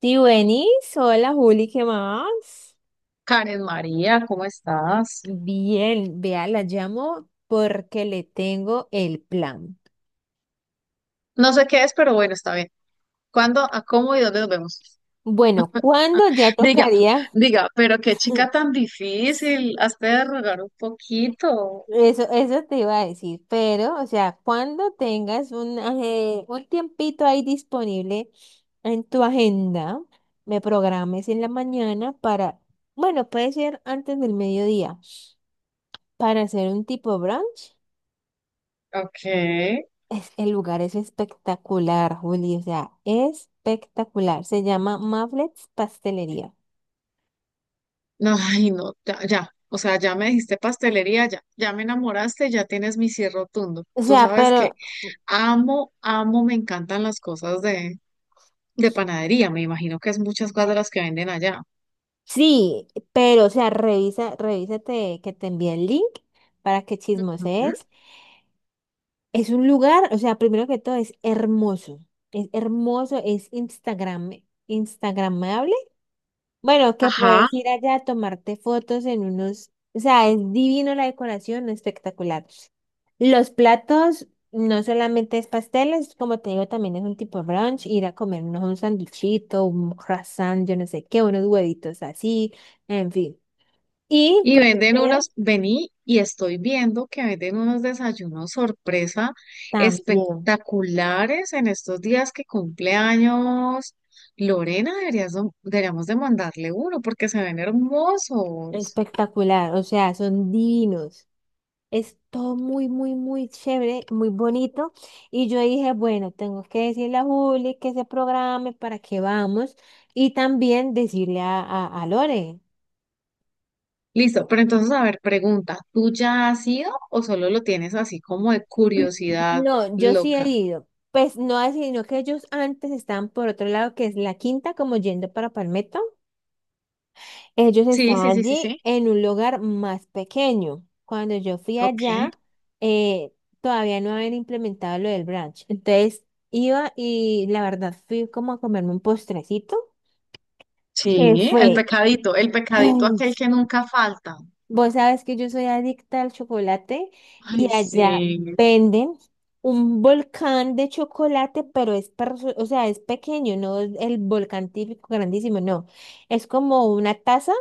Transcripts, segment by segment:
Sí, buenis. Hola, Juli, ¿qué más? Karen María, ¿cómo estás? Bien, vea, la llamo porque le tengo el plan. No sé qué es, pero bueno, está bien. ¿Cuándo, a cómo y dónde nos vemos? Bueno, ¿cuándo ya Diga, tocaría? diga, pero qué chica tan difícil. Hazte de rogar un poquito. Eso te iba a decir, pero, o sea, cuando tengas un tiempito ahí disponible en tu agenda, me programes en la mañana para, bueno, puede ser antes del mediodía, para hacer un tipo brunch. Ok. El lugar es espectacular, Juli, o sea, espectacular. Se llama Maflets Pastelería. No, ay, no, ya, ya. O sea, ya me dijiste pastelería, ya, ya me enamoraste, ya tienes mi cierre rotundo. O Tú sea, sabes pero que amo, amo, me encantan las cosas de panadería. Me imagino que es muchas cosas de las que venden allá. sí, pero o sea, revísate que te envié el link para que Ujú. chismosees. Es un lugar, o sea, primero que todo es hermoso. Es hermoso, Instagramable. Bueno, que Ajá. puedes ir allá a tomarte fotos en unos, o sea, es divino la decoración, espectacular. Los platos no solamente es pasteles, como te digo, también es un tipo brunch, ir a comernos un sanduchito, un croissant, yo no sé qué, unos huevitos así, en fin. Y Y puede venden ser unos, vení y estoy viendo que venden unos desayunos sorpresa también espectaculares en estos días que cumple años. Lorena, deberías, deberíamos de mandarle uno porque se ven hermosos. espectacular, o sea, son divinos. Es todo muy, muy, muy chévere, muy bonito. Y yo dije, bueno, tengo que decirle a Juli que se programe para que vamos y también decirle a Lore. Listo, pero entonces, a ver, pregunta, ¿tú ya has ido o solo lo tienes así como de curiosidad No, yo sí he loca? ido. Pues no, así, sino que ellos antes estaban por otro lado, que es la quinta, como yendo para Palmetto. Ellos Sí, estaban sí, sí, sí, allí sí. en un lugar más pequeño. Cuando yo fui Ok. allá, eh, todavía no habían implementado lo del brunch. Entonces iba y la verdad fui como a comerme un postrecito, que Sí, fue, el pecadito ay, aquel que nunca falta. vos sabes que yo soy adicta al chocolate y Ay, allá sí. venden un volcán de chocolate, pero o sea, es pequeño, no es el volcán típico grandísimo, no. Es como una taza.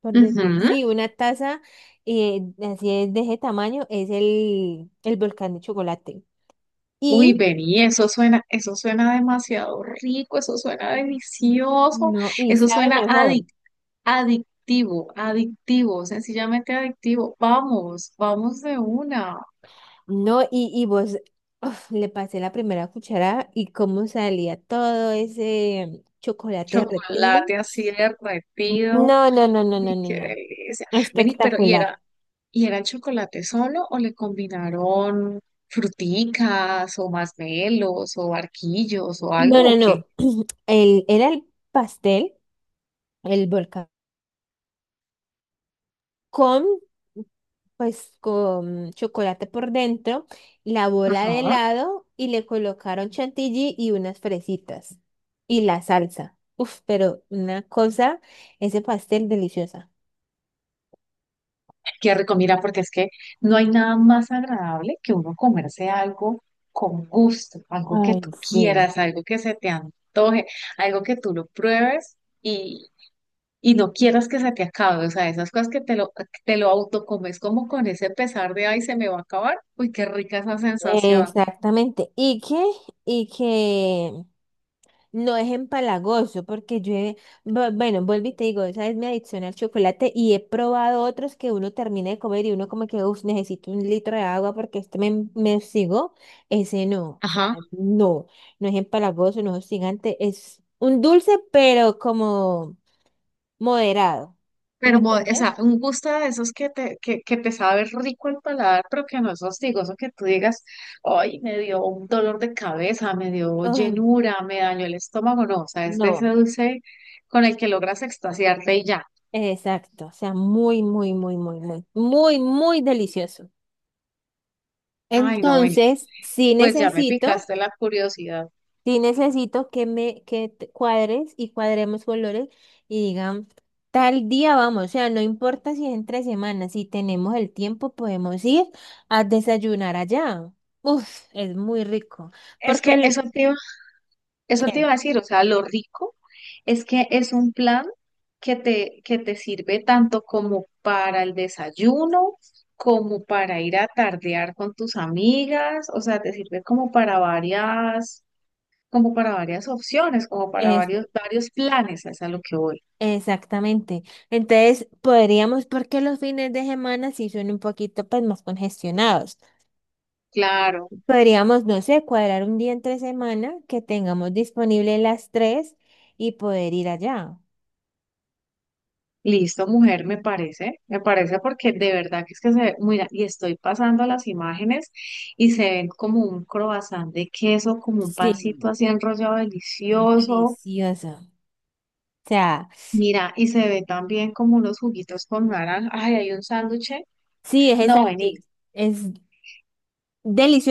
Por decir, Ujú. sí, una taza así es de ese tamaño es el volcán de chocolate. Uy, Y vení, eso suena demasiado rico, eso suena delicioso, no, y eso sabe suena mejor. Adictivo, adictivo, sencillamente adictivo. Vamos, vamos de una. No, y vos uf, le pasé la primera cucharada y cómo salía todo ese chocolate derretido. Chocolate así derretido. No, no, no, no, no, Uy, no, qué no. delicia. Vení, pero Espectacular. y era el chocolate solo o le combinaron fruticas o masmelos o barquillos o No, algo no, o no. qué? Era el pastel, el volcán. Pues con chocolate por dentro, la bola de Ajá. helado y le colocaron chantilly y unas fresitas y la salsa. Uf, pero una cosa, ese pastel deliciosa. Qué rico, mira, porque es que no hay nada más agradable que uno comerse algo con gusto, algo que Ay, tú sí. quieras, algo que se te antoje, algo que tú lo pruebes y, y no quieras que se te acabe. O sea, esas cosas que te lo autocomes como con ese pesar de, ay, se me va a acabar. Uy, qué rica esa sensación. Exactamente. ¿Y qué? ¿Y qué? No es empalagoso, porque yo, bueno, vuelvo y te digo, esa es mi adicción al chocolate y he probado otros que uno termina de comer y uno como que, uff, necesito un litro de agua porque este me hostigó. Ese no, o sea, no, no es empalagoso, no es hostigante, es un dulce, pero como moderado. ¿Sí me Pero, o entendés? sea, un gusto de esos que te sabe rico el paladar, pero que no es hostigoso, que tú digas, ay, me dio un dolor de cabeza, me dio Ay, llenura, me dañó el estómago, no, o sea, es de no, ese dulce con el que logras extasiarte y ya. exacto, o sea, muy, muy, muy, muy, muy, muy, muy delicioso. Ay, no, vení, Entonces, sí pues ya me necesito. picaste la curiosidad. Sí necesito que te cuadres y cuadremos colores y digan, tal día vamos, o sea, no importa si es entre semanas, si tenemos el tiempo podemos ir a desayunar allá. Uf, es muy rico, Es porque que el eso te iba Eso te ¿qué? iba a decir, o sea, lo rico es que es un plan que te sirve tanto como para el desayuno, como para ir a tardear con tus amigas, o sea, te sirve como para varias opciones, como para Es, varios, varios planes, es a lo que voy. Exactamente. Entonces, podríamos, porque los fines de semana sí son un poquito pues más congestionados. Claro. Podríamos, no sé, cuadrar un día entre semana que tengamos disponible las tres y poder ir allá. Listo, mujer, me parece porque de verdad que es que se ve, mira, y estoy pasando las imágenes y se ven como un croissant de queso, como un pancito Sí, así enrollado delicioso. delicioso. O sea, Mira, y se ve también como unos juguitos con naranja. Ay, hay un sándwich. sí, No, vení, es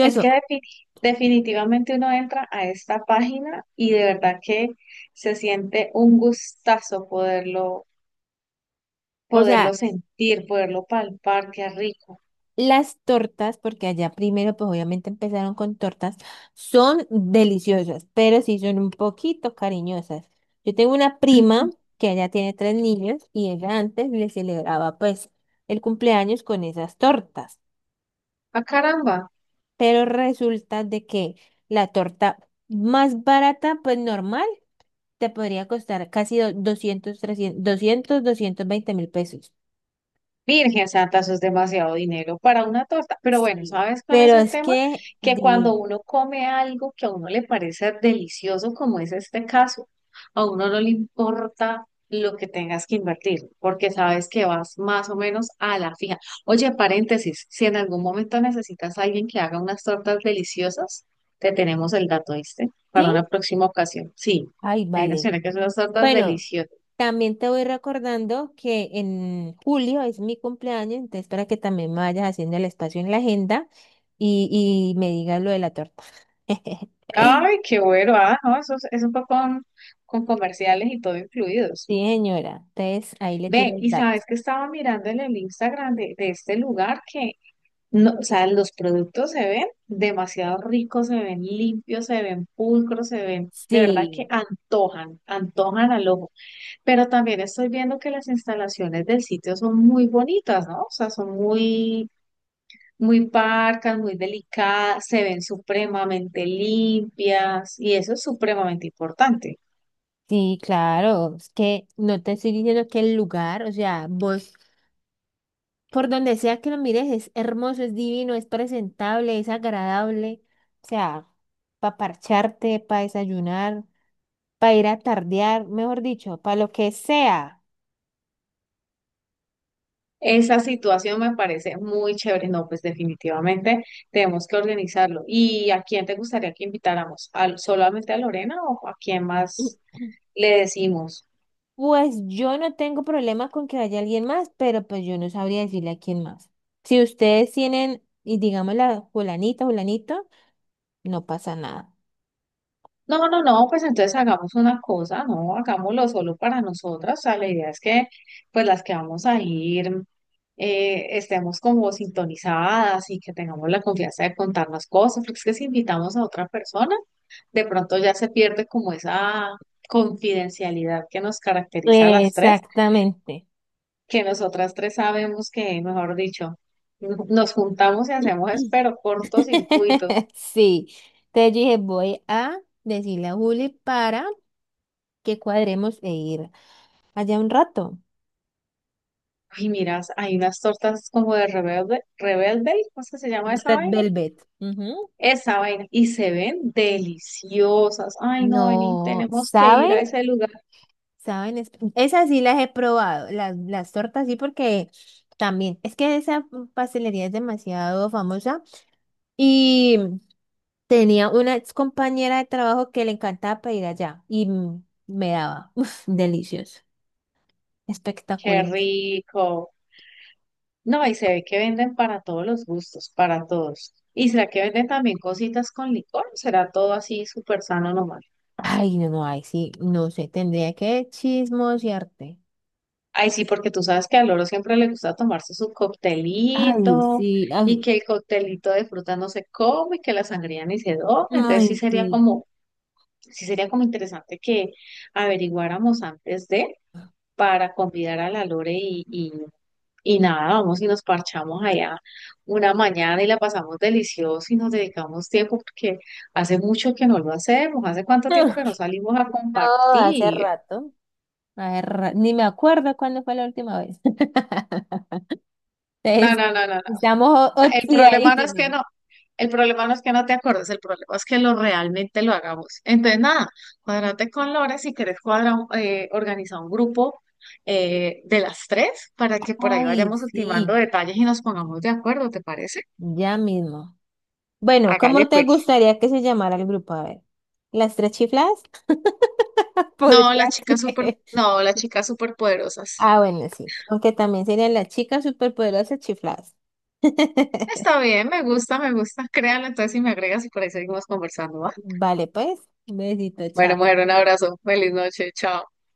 es que definitivamente uno entra a esta página y de verdad que se siente un gustazo poderlo, O sea, poderlo sentir, poderlo palpar, qué rico. las tortas, porque allá primero, pues obviamente empezaron con tortas, son deliciosas, pero sí son un poquito cariñosas. Yo tengo una prima Ujú. que ella tiene tres niños y ella antes le celebraba pues el cumpleaños con esas tortas, Ah, caramba. pero resulta de que la torta más barata, pues normal. Te podría costar casi doscientos, trescientos 220.000 pesos. Virgen Santa, eso es demasiado dinero para una torta. Pero bueno, Sí. ¿sabes cuál es Pero el es tema? que, Que cuando uno come algo que a uno le parece delicioso, como es este caso, a uno no le importa lo que tengas que invertir, porque sabes que vas más o menos a la fija. Oye, paréntesis, si en algún momento necesitas a alguien que haga unas tortas deliciosas, te tenemos el dato, ¿viste? Para ¿sí? una próxima ocasión. Sí, Ay, hay una vale. señora que hace unas tortas Bueno, deliciosas. también te voy recordando que en julio es mi cumpleaños, entonces para que también me vayas haciendo el espacio en la agenda y me digas lo de la torta. Ay, qué bueno, ah, no, eso es, eso fue con comerciales y todo incluidos. Sí, señora. Entonces ahí le tiro Ve, el y dato. sabes que estaba mirando en el Instagram de este lugar que, no, o sea, los productos se ven demasiado ricos, se ven limpios, se ven pulcros, se ven, de verdad que Sí. antojan, antojan al ojo. Pero también estoy viendo que las instalaciones del sitio son muy bonitas, ¿no? O sea, son muy parcas, muy delicadas, se ven supremamente limpias y eso es supremamente importante. Sí, claro, es que no te estoy diciendo que el lugar, o sea, vos. Por donde sea que lo mires, es hermoso, es divino, es presentable, es agradable. O sea, para parcharte, para desayunar, para ir a tardear, mejor dicho, para lo que sea. Esa situación me parece muy chévere. No, pues definitivamente tenemos que organizarlo. ¿Y a quién te gustaría que invitáramos? ¿Al, solamente a Lorena o a quién más le decimos? Pues yo no tengo problema con que vaya alguien más, pero pues yo no sabría decirle a quién más. Si ustedes tienen, y digamos la fulanita, fulanito, no pasa nada. No, no, no, pues entonces hagamos una cosa, no, hagámoslo solo para nosotras. O sea, la idea es que, pues las que vamos a ir, estemos como sintonizadas y que tengamos la confianza de contarnos cosas, porque es que si invitamos a otra persona, de pronto ya se pierde como esa confidencialidad que nos caracteriza a las tres, Exactamente. que nosotras tres sabemos que, mejor dicho, nos juntamos y hacemos, espero, cortocircuito. Sí. Entonces yo dije, voy a decirle a Juli para que cuadremos e ir allá un rato. Ay, miras, hay unas tortas como de rebelde, rebelde, ¿cómo es que se llama esa Red vaina? Velvet. Ujú. Esa vaina. Y se ven deliciosas. Ay, no, vení, No, tenemos que ir ¿saben? a ese lugar. ¿Saben? Esas sí las he probado, las tortas sí, porque también, es que esa pastelería es demasiado famosa y tenía una ex compañera de trabajo que le encantaba pedir allá y me daba, uf, delicioso, Qué espectacular. rico. No, y se ve que venden para todos los gustos, para todos. ¿Y será que venden también cositas con licor? ¿Será todo así súper sano nomás? Ay, no, no, ay, sí, no sé, tendría que chismosearte. Ay, sí, porque tú sabes que al loro siempre le gusta tomarse su Ay, coctelito sí. Ay, y que el coctelito de fruta no se come y que la sangría ni se toma. Entonces ay, sí. Sí sería como interesante que averiguáramos antes de para convidar a la Lore y nada, vamos y nos parchamos allá una mañana y la pasamos delicioso y nos dedicamos tiempo porque hace mucho que no lo hacemos, hace cuánto tiempo que no salimos a No, hace compartir. rato. Ni me acuerdo cuándo fue la última vez. No, Entonces, no, no, no, estamos sea, oxidadísimas. El problema no es que no te acuerdes, el problema es que lo realmente lo hagamos. Entonces, nada, cuadrate con Lore si querés cuadra, organiza un grupo de las tres para que por ahí Ay, vayamos ultimando sí, detalles y nos pongamos de acuerdo, ¿te parece? ya mismo. Bueno, Hágale ¿cómo te pues. gustaría que se llamara el grupo? A ver, ¿las tres chiflas? Podría No, ser. no, las chicas súper poderosas. Ah, bueno, sí. Aunque también serían las chicas superpoderosas chifladas. Está bien, me gusta, me gusta. Créalo entonces y me agregas y por ahí seguimos conversando, ¿va? Vale, pues. Un besito, Bueno, chao. mujer, un abrazo. Feliz noche. Chao.